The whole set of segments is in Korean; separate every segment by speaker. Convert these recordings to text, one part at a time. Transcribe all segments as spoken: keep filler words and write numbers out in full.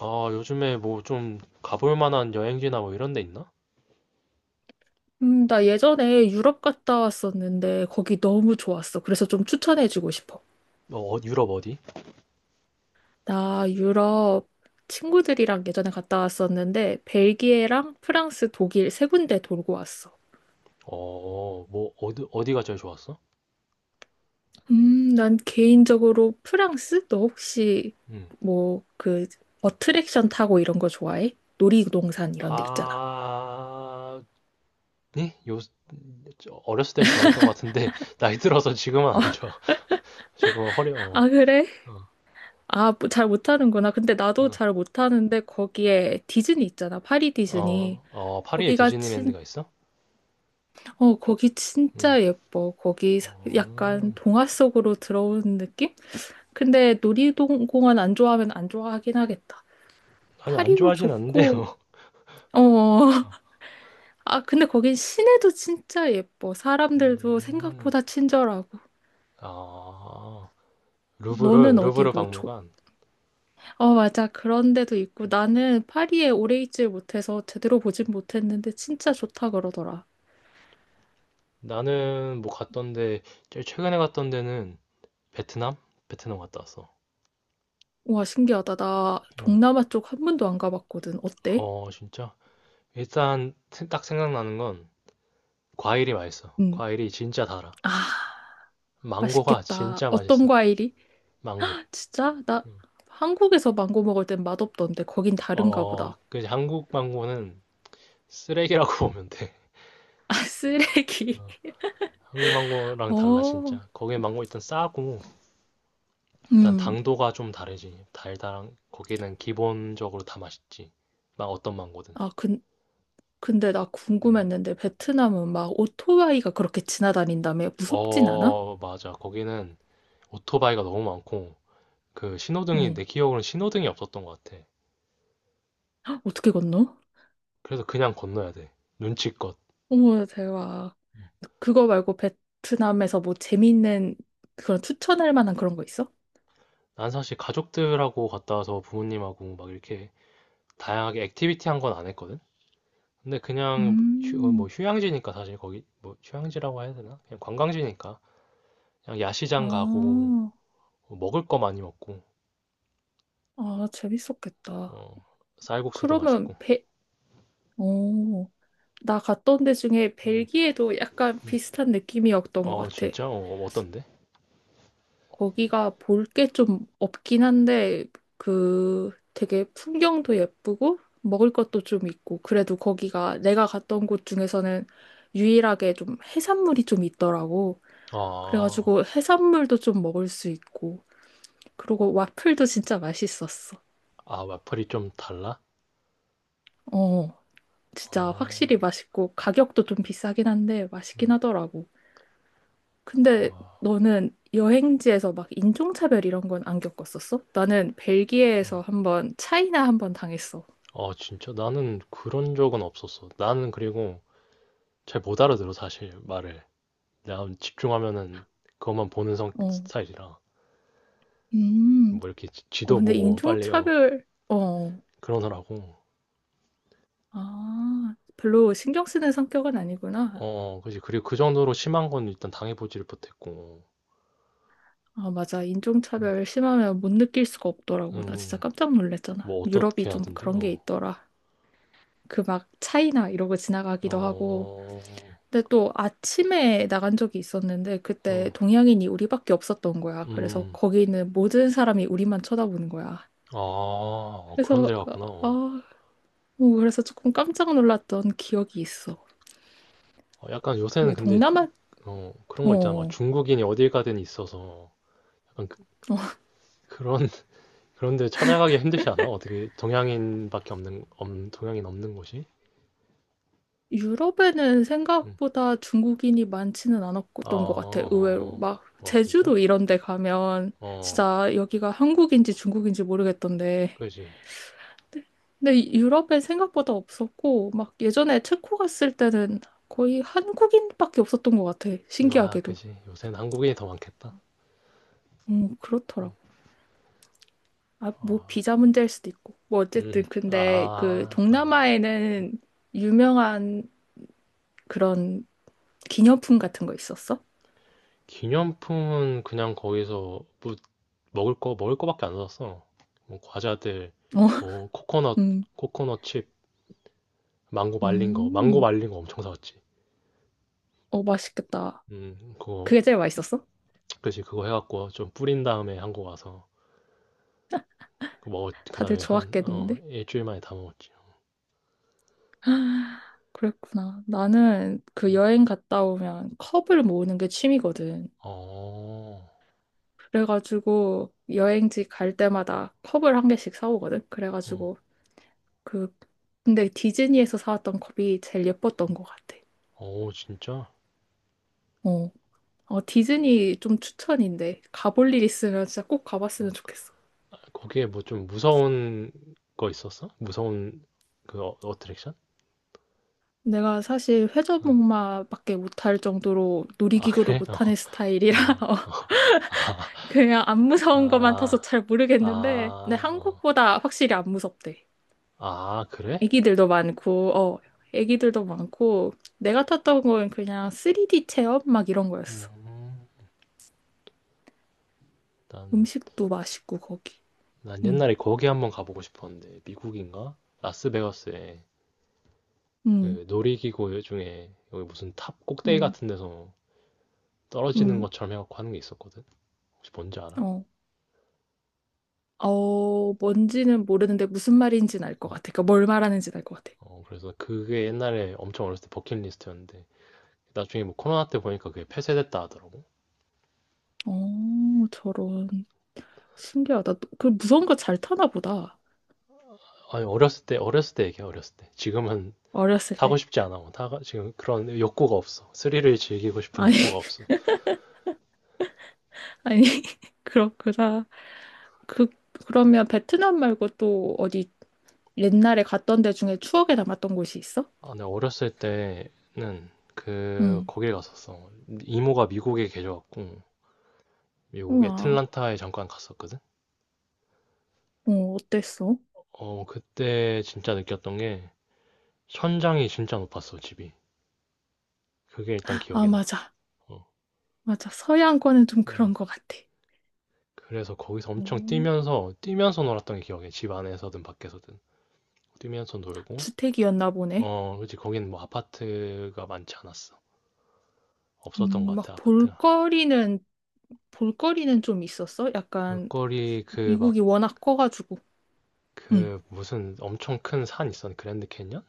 Speaker 1: 아, 요즘에 뭐 좀 가볼 만한 여행지나 뭐 이런 데 있나?
Speaker 2: 음, 나 예전에 유럽 갔다 왔었는데 거기 너무 좋았어. 그래서 좀 추천해주고 싶어.
Speaker 1: 어, 어, 유럽 어디?
Speaker 2: 나 유럽 친구들이랑 예전에 갔다 왔었는데 벨기에랑 프랑스, 독일 세 군데 돌고 왔어.
Speaker 1: 어, 뭐 어디 어디가 제일 좋았어?
Speaker 2: 음, 난 개인적으로 프랑스? 너 혹시
Speaker 1: 음.
Speaker 2: 뭐 그 어트랙션 타고 이런 거 좋아해? 놀이동산 이런 데 있잖아.
Speaker 1: 아, 네? 요 어렸을 땐 좋아했던 것 같은데 나이 들어서 지금은 안 좋아. 지금은 허리 어.
Speaker 2: 아, 그래?
Speaker 1: 어.
Speaker 2: 아, 뭐잘 못하는구나. 근데 나도
Speaker 1: 어,
Speaker 2: 잘 못하는데 거기에 디즈니 있잖아. 파리 디즈니.
Speaker 1: 어, 어, 파리에
Speaker 2: 거기가
Speaker 1: 디즈니랜드가 있어?
Speaker 2: 어, 거기
Speaker 1: 음.
Speaker 2: 진짜 예뻐. 거기 사- 약간
Speaker 1: 어.
Speaker 2: 동화 속으로 들어오는 느낌? 근데 놀이동공원 안 좋아하면 안 좋아하긴 하겠다.
Speaker 1: 아니, 안
Speaker 2: 파리도
Speaker 1: 좋아하진
Speaker 2: 좋고,
Speaker 1: 않는데요.
Speaker 2: 어,
Speaker 1: 어.
Speaker 2: 아, 근데 거긴 시내도 진짜 예뻐. 사람들도
Speaker 1: 음.
Speaker 2: 생각보다 친절하고.
Speaker 1: 아. 루브르
Speaker 2: 너는 어디
Speaker 1: 루브르
Speaker 2: 뭐 줘?
Speaker 1: 박물관.
Speaker 2: 어, 맞아. 그런 데도 있고. 나는 파리에 오래 있질 못해서 제대로 보진 못했는데 진짜 좋다 그러더라.
Speaker 1: 나는 뭐 갔던데 제일 최근에 갔던 데는 베트남? 베트남 갔다 왔어.
Speaker 2: 와, 신기하다. 나
Speaker 1: 음.
Speaker 2: 동남아 쪽 한 번도 안 가봤거든. 어때?
Speaker 1: 어 진짜 일단 세- 딱 생각나는 건 과일이 맛있어.
Speaker 2: 응.
Speaker 1: 과일이 진짜 달아.
Speaker 2: 아.
Speaker 1: 망고가
Speaker 2: 맛있겠다.
Speaker 1: 진짜
Speaker 2: 어떤
Speaker 1: 맛있어.
Speaker 2: 과일이?
Speaker 1: 망고.
Speaker 2: 진짜? 나
Speaker 1: 음.
Speaker 2: 한국에서 망고 먹을 땐 맛없던데 거긴 다른가
Speaker 1: 어,
Speaker 2: 보다.
Speaker 1: 그 한국 망고는 쓰레기라고 보면 돼.
Speaker 2: 아, 쓰레기.
Speaker 1: 어, 한국 망고랑 달라
Speaker 2: 어,
Speaker 1: 진짜. 거기 망고 일단 싸고 일단
Speaker 2: 음.
Speaker 1: 당도가 좀 다르지. 달달한 거기는 기본적으로 다 맛있지. 막 어떤 망고든.
Speaker 2: 아, 근, 근데 나
Speaker 1: 음.
Speaker 2: 궁금했는데 베트남은 막 오토바이가 그렇게 지나다닌다며 무섭진 않아?
Speaker 1: 어, 맞아. 거기는 오토바이가 너무 많고 그 신호등이 내
Speaker 2: 응.
Speaker 1: 기억으로는 신호등이 없었던 것 같아.
Speaker 2: 어떻게 건너?
Speaker 1: 그래서 그냥 건너야 돼. 눈치껏.
Speaker 2: 어머, 대박. 그거 말고 베트남에서 뭐 재밌는 그런 추천할 만한 그런 거 있어?
Speaker 1: 난 사실 가족들하고 갔다 와서 부모님하고 막 이렇게 다양하게 액티비티 한 건 안 했거든. 근데 그냥 휴, 어, 뭐
Speaker 2: 음,
Speaker 1: 휴양지니까 사실 거기 뭐 휴양지라고 해야 되나? 그냥 관광지니까 그냥 야시장 가고
Speaker 2: 아,
Speaker 1: 뭐 먹을 거 많이 먹고
Speaker 2: 아, 재밌었겠다.
Speaker 1: 어, 쌀국수도
Speaker 2: 그러면
Speaker 1: 맛있고.
Speaker 2: 베, 어, 나 갔던 데 중에 벨기에도 약간 비슷한 느낌이었던 것
Speaker 1: 어
Speaker 2: 같아.
Speaker 1: 진짜? 어, 어떤데?
Speaker 2: 거기가 볼 게 좀 없긴 한데, 그 되게 풍경도 예쁘고, 먹을 것도 좀 있고, 그래도 거기가 내가 갔던 곳 중에서는 유일하게 좀 해산물이 좀 있더라고.
Speaker 1: 아,
Speaker 2: 그래가지고 해산물도 좀 먹을 수 있고, 그리고 와플도 진짜 맛있었어.
Speaker 1: 아 와플이 좀 달라?
Speaker 2: 어, 진짜 확실히
Speaker 1: 어,
Speaker 2: 맛있고, 가격도 좀 비싸긴 한데 맛있긴
Speaker 1: 음,
Speaker 2: 하더라고. 근데
Speaker 1: 아,
Speaker 2: 너는 여행지에서 막 인종차별 이런 건 안 겪었었어? 나는 벨기에에서
Speaker 1: 어.
Speaker 2: 한번 차이나 한번 당했어.
Speaker 1: 아 진짜? 나는 그런 적은 없었어. 나는 그리고 잘 못 알아들어 사실 말을. 나 집중하면은 그것만 보는 성
Speaker 2: 어.
Speaker 1: 스타일이라
Speaker 2: 음.
Speaker 1: 뭐 이렇게 지-
Speaker 2: 어,
Speaker 1: 지도
Speaker 2: 근데
Speaker 1: 보고 빨리 어
Speaker 2: 인종차별, 어.
Speaker 1: 그러느라고.
Speaker 2: 아, 별로 신경 쓰는 성격은 아니구나.
Speaker 1: 어, 어, 그지. 그리고 그 정도로 심한 건 일단 당해보지를 못했고.
Speaker 2: 아, 맞아.
Speaker 1: 음,
Speaker 2: 인종차별 심하면 못 느낄 수가 없더라고. 나 진짜
Speaker 1: 음,
Speaker 2: 깜짝 놀랐잖아.
Speaker 1: 뭐
Speaker 2: 유럽이
Speaker 1: 어떻게
Speaker 2: 좀
Speaker 1: 하던데?
Speaker 2: 그런 게
Speaker 1: 어,
Speaker 2: 있더라. 그 막 차이나 이러고 지나가기도 하고.
Speaker 1: 어,
Speaker 2: 근데 또 아침에 나간 적이 있었는데 그때
Speaker 1: 어,
Speaker 2: 동양인이 우리밖에 없었던 거야. 그래서
Speaker 1: 음,
Speaker 2: 거기는 모든 사람이 우리만 쳐다보는 거야.
Speaker 1: 아, 그런
Speaker 2: 그래서
Speaker 1: 데가
Speaker 2: 어,
Speaker 1: 갔구나. 어.
Speaker 2: 아, 뭐 그래서 조금 깜짝 놀랐던 기억이 있어.
Speaker 1: 어, 약간 요새는
Speaker 2: 그
Speaker 1: 근데
Speaker 2: 동남아
Speaker 1: 어 그런
Speaker 2: 어,
Speaker 1: 거 있잖아. 막
Speaker 2: 어
Speaker 1: 중국인이 어딜 가든 있어서 약간 그, 그런 그런데 찾아가기 힘들지 않아? 어떻게 동양인밖에 없는 없- 동양인 없는 곳이?
Speaker 2: 유럽에는
Speaker 1: 응.
Speaker 2: 생각보다 중국인이 많지는
Speaker 1: 어, 어,
Speaker 2: 않았던 것 같아. 의외로
Speaker 1: 어,
Speaker 2: 막
Speaker 1: 어, 어, 진짜?
Speaker 2: 제주도 이런 데 가면
Speaker 1: 어,
Speaker 2: 진짜 여기가 한국인지 중국인지 모르겠던데
Speaker 1: 그지.
Speaker 2: 근데 유럽엔 생각보다 없었고, 막 예전에 체코 갔을 때는 거의 한국인밖에 없었던 것 같아.
Speaker 1: 아,
Speaker 2: 신기하게도.
Speaker 1: 그지. 요새는 한국인이 더 많겠다.
Speaker 2: 음, 그렇더라고. 아, 뭐
Speaker 1: 어,
Speaker 2: 비자 문제일 수도 있고. 뭐 어쨌든
Speaker 1: 음,
Speaker 2: 근데 그
Speaker 1: 아, 그렇네.
Speaker 2: 동남아에는 유명한 그런 기념품 같은 거 있었어?
Speaker 1: 기념품은 그냥 거기서 뭐 먹을 거 먹을 거밖에 안 샀어. 뭐 과자들,
Speaker 2: 어,
Speaker 1: 뭐 코코넛,
Speaker 2: 음,
Speaker 1: 코코넛 칩, 망고 말린 거, 망고
Speaker 2: 음,
Speaker 1: 말린 거 엄청 사왔지.
Speaker 2: 어, 맛있겠다.
Speaker 1: 음, 그거,
Speaker 2: 그게 제일 맛있었어?
Speaker 1: 그지. 그거 해갖고 좀 뿌린 다음에 한국 와서. 그 먹었, 그
Speaker 2: 다들
Speaker 1: 다음에 한, 어,
Speaker 2: 좋았겠는데?
Speaker 1: 일주일 만에 다 먹었지.
Speaker 2: 그랬구나. 나는 그
Speaker 1: 음.
Speaker 2: 여행 갔다 오면 컵을 모으는 게 취미거든.
Speaker 1: 어,
Speaker 2: 그래가지고 여행지 갈 때마다 컵을 한 개씩 사오거든.
Speaker 1: 어,
Speaker 2: 그래가지고 그 근데 디즈니에서 사왔던 컵이 제일 예뻤던 것 같아.
Speaker 1: 어, 진짜?
Speaker 2: 어, 어 디즈니 좀 추천인데 가볼 일 있으면 진짜 꼭
Speaker 1: 음.
Speaker 2: 가봤으면 좋겠어.
Speaker 1: 거기에 뭐 좀 무서운 거 있었어? 무서운 그 어, 어트랙션?
Speaker 2: 내가 사실
Speaker 1: 어.
Speaker 2: 회전목마밖에 못할 정도로
Speaker 1: 아,
Speaker 2: 놀이기구를
Speaker 1: 그래?
Speaker 2: 못하는
Speaker 1: 어,
Speaker 2: 스타일이라
Speaker 1: 어.
Speaker 2: 어,
Speaker 1: 아,
Speaker 2: 그냥 안 무서운 것만
Speaker 1: 아,
Speaker 2: 타서 잘 모르겠는데 근데
Speaker 1: 아, 어.
Speaker 2: 한국보다 확실히 안 무섭대.
Speaker 1: 아, 그래?
Speaker 2: 애기들도 많고, 어, 애기들도 많고, 내가 탔던 건 그냥 쓰리디 체험 막 이런 거였어.
Speaker 1: 음, 난,
Speaker 2: 음식도 맛있고, 거기.
Speaker 1: 난
Speaker 2: 응,
Speaker 1: 옛날에 거기 한번 가보고 싶었는데, 미국인가? 라스베가스에
Speaker 2: 응,
Speaker 1: 그 놀이기구 중에 여기 무슨 탑 꼭대기
Speaker 2: 응,
Speaker 1: 같은 데서 떨어지는
Speaker 2: 응,
Speaker 1: 것처럼 해갖고 하는 게 있었거든. 혹시 뭔지 알아?
Speaker 2: 어. 어, 뭔지는 모르는데 무슨 말인지는 알 것
Speaker 1: 응.
Speaker 2: 같아. 그러니까 뭘 말하는지는 알 것 같아.
Speaker 1: 어, 그래서 그게 옛날에 엄청 어렸을 때 버킷리스트였는데 나중에 뭐 코로나 때 보니까 그게 폐쇄됐다 하더라고.
Speaker 2: 어, 저런. 신기하다. 또- 그 무서운 거 잘 타나 보다.
Speaker 1: 아니 어렸을 때 어렸을 때 얘기야 어렸을 때. 지금은
Speaker 2: 어렸을
Speaker 1: 타고
Speaker 2: 때.
Speaker 1: 싶지 않아. 뭐 타가 지금 그런 욕구가 없어. 스릴을 즐기고 싶은
Speaker 2: 아니,
Speaker 1: 욕구가 없어.
Speaker 2: 아니, 그렇구나. 그, 그러면 베트남 말고 또 어디 옛날에 갔던 데 중에 추억에 남았던 곳이 있어?
Speaker 1: 아, 내가 어렸을 때는 그
Speaker 2: 응.
Speaker 1: 거길 갔었어. 이모가 미국에 계셔갖고 미국
Speaker 2: 우와.
Speaker 1: 애틀란타에 잠깐 갔었거든.
Speaker 2: 어, 어땠어?
Speaker 1: 어 그때 진짜 느꼈던 게 천장이 진짜 높았어 집이. 그게 일단
Speaker 2: 아,
Speaker 1: 기억에 나.
Speaker 2: 맞아.
Speaker 1: 어.
Speaker 2: 맞아. 서양권은 좀 그런
Speaker 1: 음.
Speaker 2: 것 같아.
Speaker 1: 그래서 거기서
Speaker 2: 어,
Speaker 1: 엄청 뛰면서 뛰면서 놀았던 게 기억해. 집 안에서든 밖에서든 뛰면서 놀고.
Speaker 2: 주택이었나 보네.
Speaker 1: 어, 그렇지. 거긴 뭐 아파트가 많지 않았어. 없었던
Speaker 2: 음,
Speaker 1: 것
Speaker 2: 막
Speaker 1: 같아, 아파트가.
Speaker 2: 볼거리는, 볼거리는 좀 있었어? 약간
Speaker 1: 볼거리 그 막
Speaker 2: 미국이 워낙 커가지고. 응.
Speaker 1: 그 무슨 엄청 큰 산 있었는 그랜드 캐니언인가?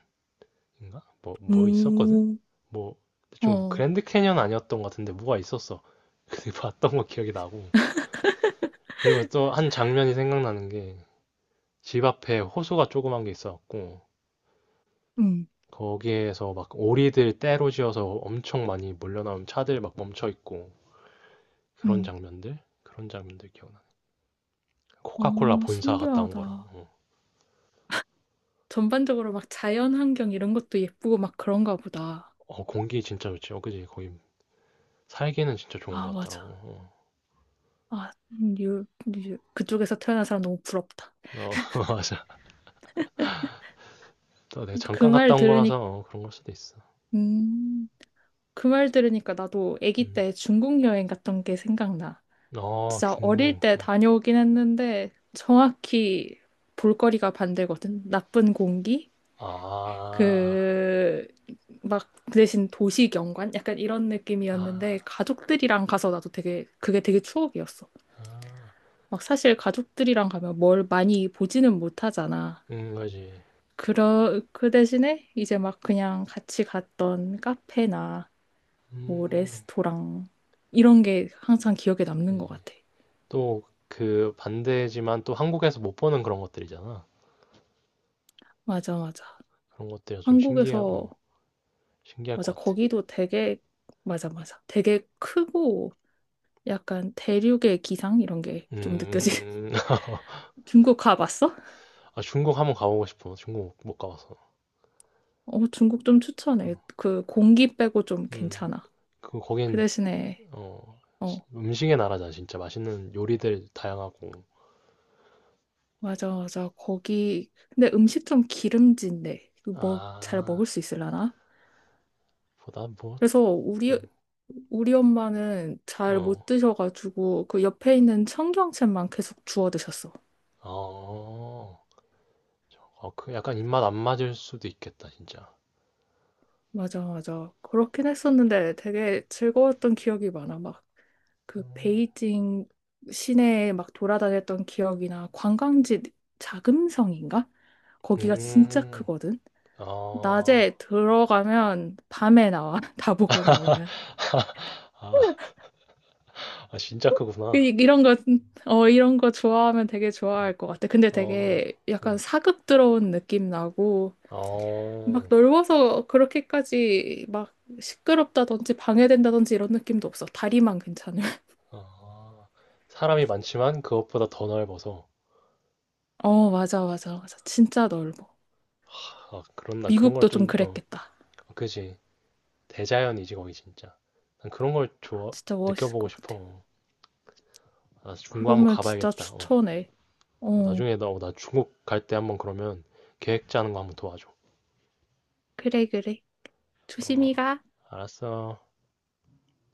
Speaker 1: 뭐 뭐 있었거든?
Speaker 2: 오
Speaker 1: 뭐 대충 뭐
Speaker 2: 어,
Speaker 1: 그랜드 캐니언 아니었던 것 같은데 뭐가 있었어. 근데 봤던 거 기억이 나고. 그리고 또 한 장면이 생각나는 게 집 앞에 호수가 조그만 게 있어갖고
Speaker 2: 응,
Speaker 1: 거기에서 막 오리들 떼로 지어서 엄청 많이 몰려나온 차들 막 멈춰 있고 그런
Speaker 2: 응.
Speaker 1: 장면들 그런 장면들 기억나. 코카콜라
Speaker 2: 어,
Speaker 1: 본사 갔다 온 거랑
Speaker 2: 신기하다.
Speaker 1: 어,
Speaker 2: 전반적으로 막 자연 환경 이런 것도 예쁘고 막 그런가 보다.
Speaker 1: 어, 공기 진짜 좋지. 어 그지 거기 살기는 진짜 좋은
Speaker 2: 아,
Speaker 1: 것
Speaker 2: 맞아.
Speaker 1: 같더라고. 어,
Speaker 2: 아, 유, 유, 그쪽에서 태어난 사람 너무 부럽다.
Speaker 1: 어, 맞아. 또 내가
Speaker 2: 그
Speaker 1: 잠깐
Speaker 2: 말
Speaker 1: 갔다 온 거라서
Speaker 2: 들으니,
Speaker 1: 어, 그런 걸 수도 있어.
Speaker 2: 음. 그 말 들으니까 나도 아기
Speaker 1: 음.
Speaker 2: 때 중국 여행 갔던 게 생각나.
Speaker 1: 아
Speaker 2: 진짜 어릴
Speaker 1: 중국.
Speaker 2: 때 다녀오긴 했는데 정확히 볼거리가 반대거든. 나쁜 공기?
Speaker 1: 아,
Speaker 2: 그, 막, 그 대신 도시 경관? 약간 이런
Speaker 1: 아,
Speaker 2: 느낌이었는데 가족들이랑 가서 나도 되게, 그게 되게 추억이었어.
Speaker 1: 아,
Speaker 2: 막 사실 가족들이랑 가면 뭘 많이 보지는 못하잖아.
Speaker 1: 음, 그지.
Speaker 2: 그러, 그 대신에 이제 막 그냥 같이 갔던 카페나 뭐
Speaker 1: 음,
Speaker 2: 레스토랑 이런 게 항상 기억에 남는 것
Speaker 1: 그지.
Speaker 2: 같아.
Speaker 1: 또 그 반대지만 또 한국에서 못 보는 그런 것들이잖아.
Speaker 2: 맞아, 맞아.
Speaker 1: 그런 것들이 좀 신기해,
Speaker 2: 한국에서
Speaker 1: 어, 신기할
Speaker 2: 맞아.
Speaker 1: 것 같아.
Speaker 2: 거기도 되게 맞아, 맞아. 되게 크고 약간 대륙의 기상 이런 게 좀 느껴지는.
Speaker 1: 음,
Speaker 2: 중국 가봤어?
Speaker 1: 아, 중국 한번 가보고 싶어. 중국 못, 못 가봐서.
Speaker 2: 어, 중국 좀 추천해.
Speaker 1: 어,
Speaker 2: 그 공기 빼고 좀
Speaker 1: 음,
Speaker 2: 괜찮아.
Speaker 1: 그,
Speaker 2: 그
Speaker 1: 거긴,
Speaker 2: 대신에
Speaker 1: 어,
Speaker 2: 어,
Speaker 1: 음식의 나라잖아, 진짜. 맛있는 요리들 다양하고.
Speaker 2: 맞아, 맞아. 거기 근데 음식 좀 기름진데 뭐 잘
Speaker 1: 아,
Speaker 2: 먹을 수 있으려나?
Speaker 1: 보다 뭐,
Speaker 2: 그래서 우리
Speaker 1: 음,
Speaker 2: 우리 엄마는 잘 못
Speaker 1: 어,
Speaker 2: 드셔가지고 그 옆에 있는 청경채만 계속 주워 드셨어.
Speaker 1: 어, 어, 그 약간 입맛 안 맞을 수도 있겠다, 진짜.
Speaker 2: 맞아, 맞아. 그렇긴 했었는데 되게 즐거웠던 기억이 많아. 막 그
Speaker 1: 음,
Speaker 2: 베이징 시내에 막 돌아다녔던 기억이나 관광지 자금성인가? 거기가 진짜
Speaker 1: 음,
Speaker 2: 크거든.
Speaker 1: 어,
Speaker 2: 낮에 들어가면 밤에 나와. 다 보고 나오면.
Speaker 1: 아, 아, 진짜 크구나.
Speaker 2: 이- 이런 거, 어, 이런 거 좋아하면 되게 좋아할 것 같아. 근데
Speaker 1: 어,
Speaker 2: 되게 약간
Speaker 1: 음,
Speaker 2: 사극 들어온 느낌 나고,
Speaker 1: 어.
Speaker 2: 막 넓어서 그렇게까지 막 시끄럽다든지 방해된다든지 이런 느낌도 없어. 다리만 괜찮아.
Speaker 1: 아, 사람이 많지만 그것보다 더 넓어서.
Speaker 2: 어, 맞아, 맞아, 맞아. 진짜 넓어.
Speaker 1: 아, 그럼 난 그런 걸
Speaker 2: 미국도 좀
Speaker 1: 좀, 어,
Speaker 2: 그랬겠다.
Speaker 1: 그지. 대자연이지, 거기 진짜. 난 그런 걸 좋아,
Speaker 2: 진짜 멋있을
Speaker 1: 느껴보고
Speaker 2: 것 같아.
Speaker 1: 싶어. 아, 중국 한번
Speaker 2: 그러면 진짜
Speaker 1: 가봐야겠다. 어,
Speaker 2: 추천해.
Speaker 1: 어,
Speaker 2: 어,
Speaker 1: 나중에 너, 나 중국 갈 때 한번 그러면 계획 짜는 거 한번 도와줘.
Speaker 2: 그래, 그래.
Speaker 1: 어,
Speaker 2: 조심히 가.
Speaker 1: 알았어.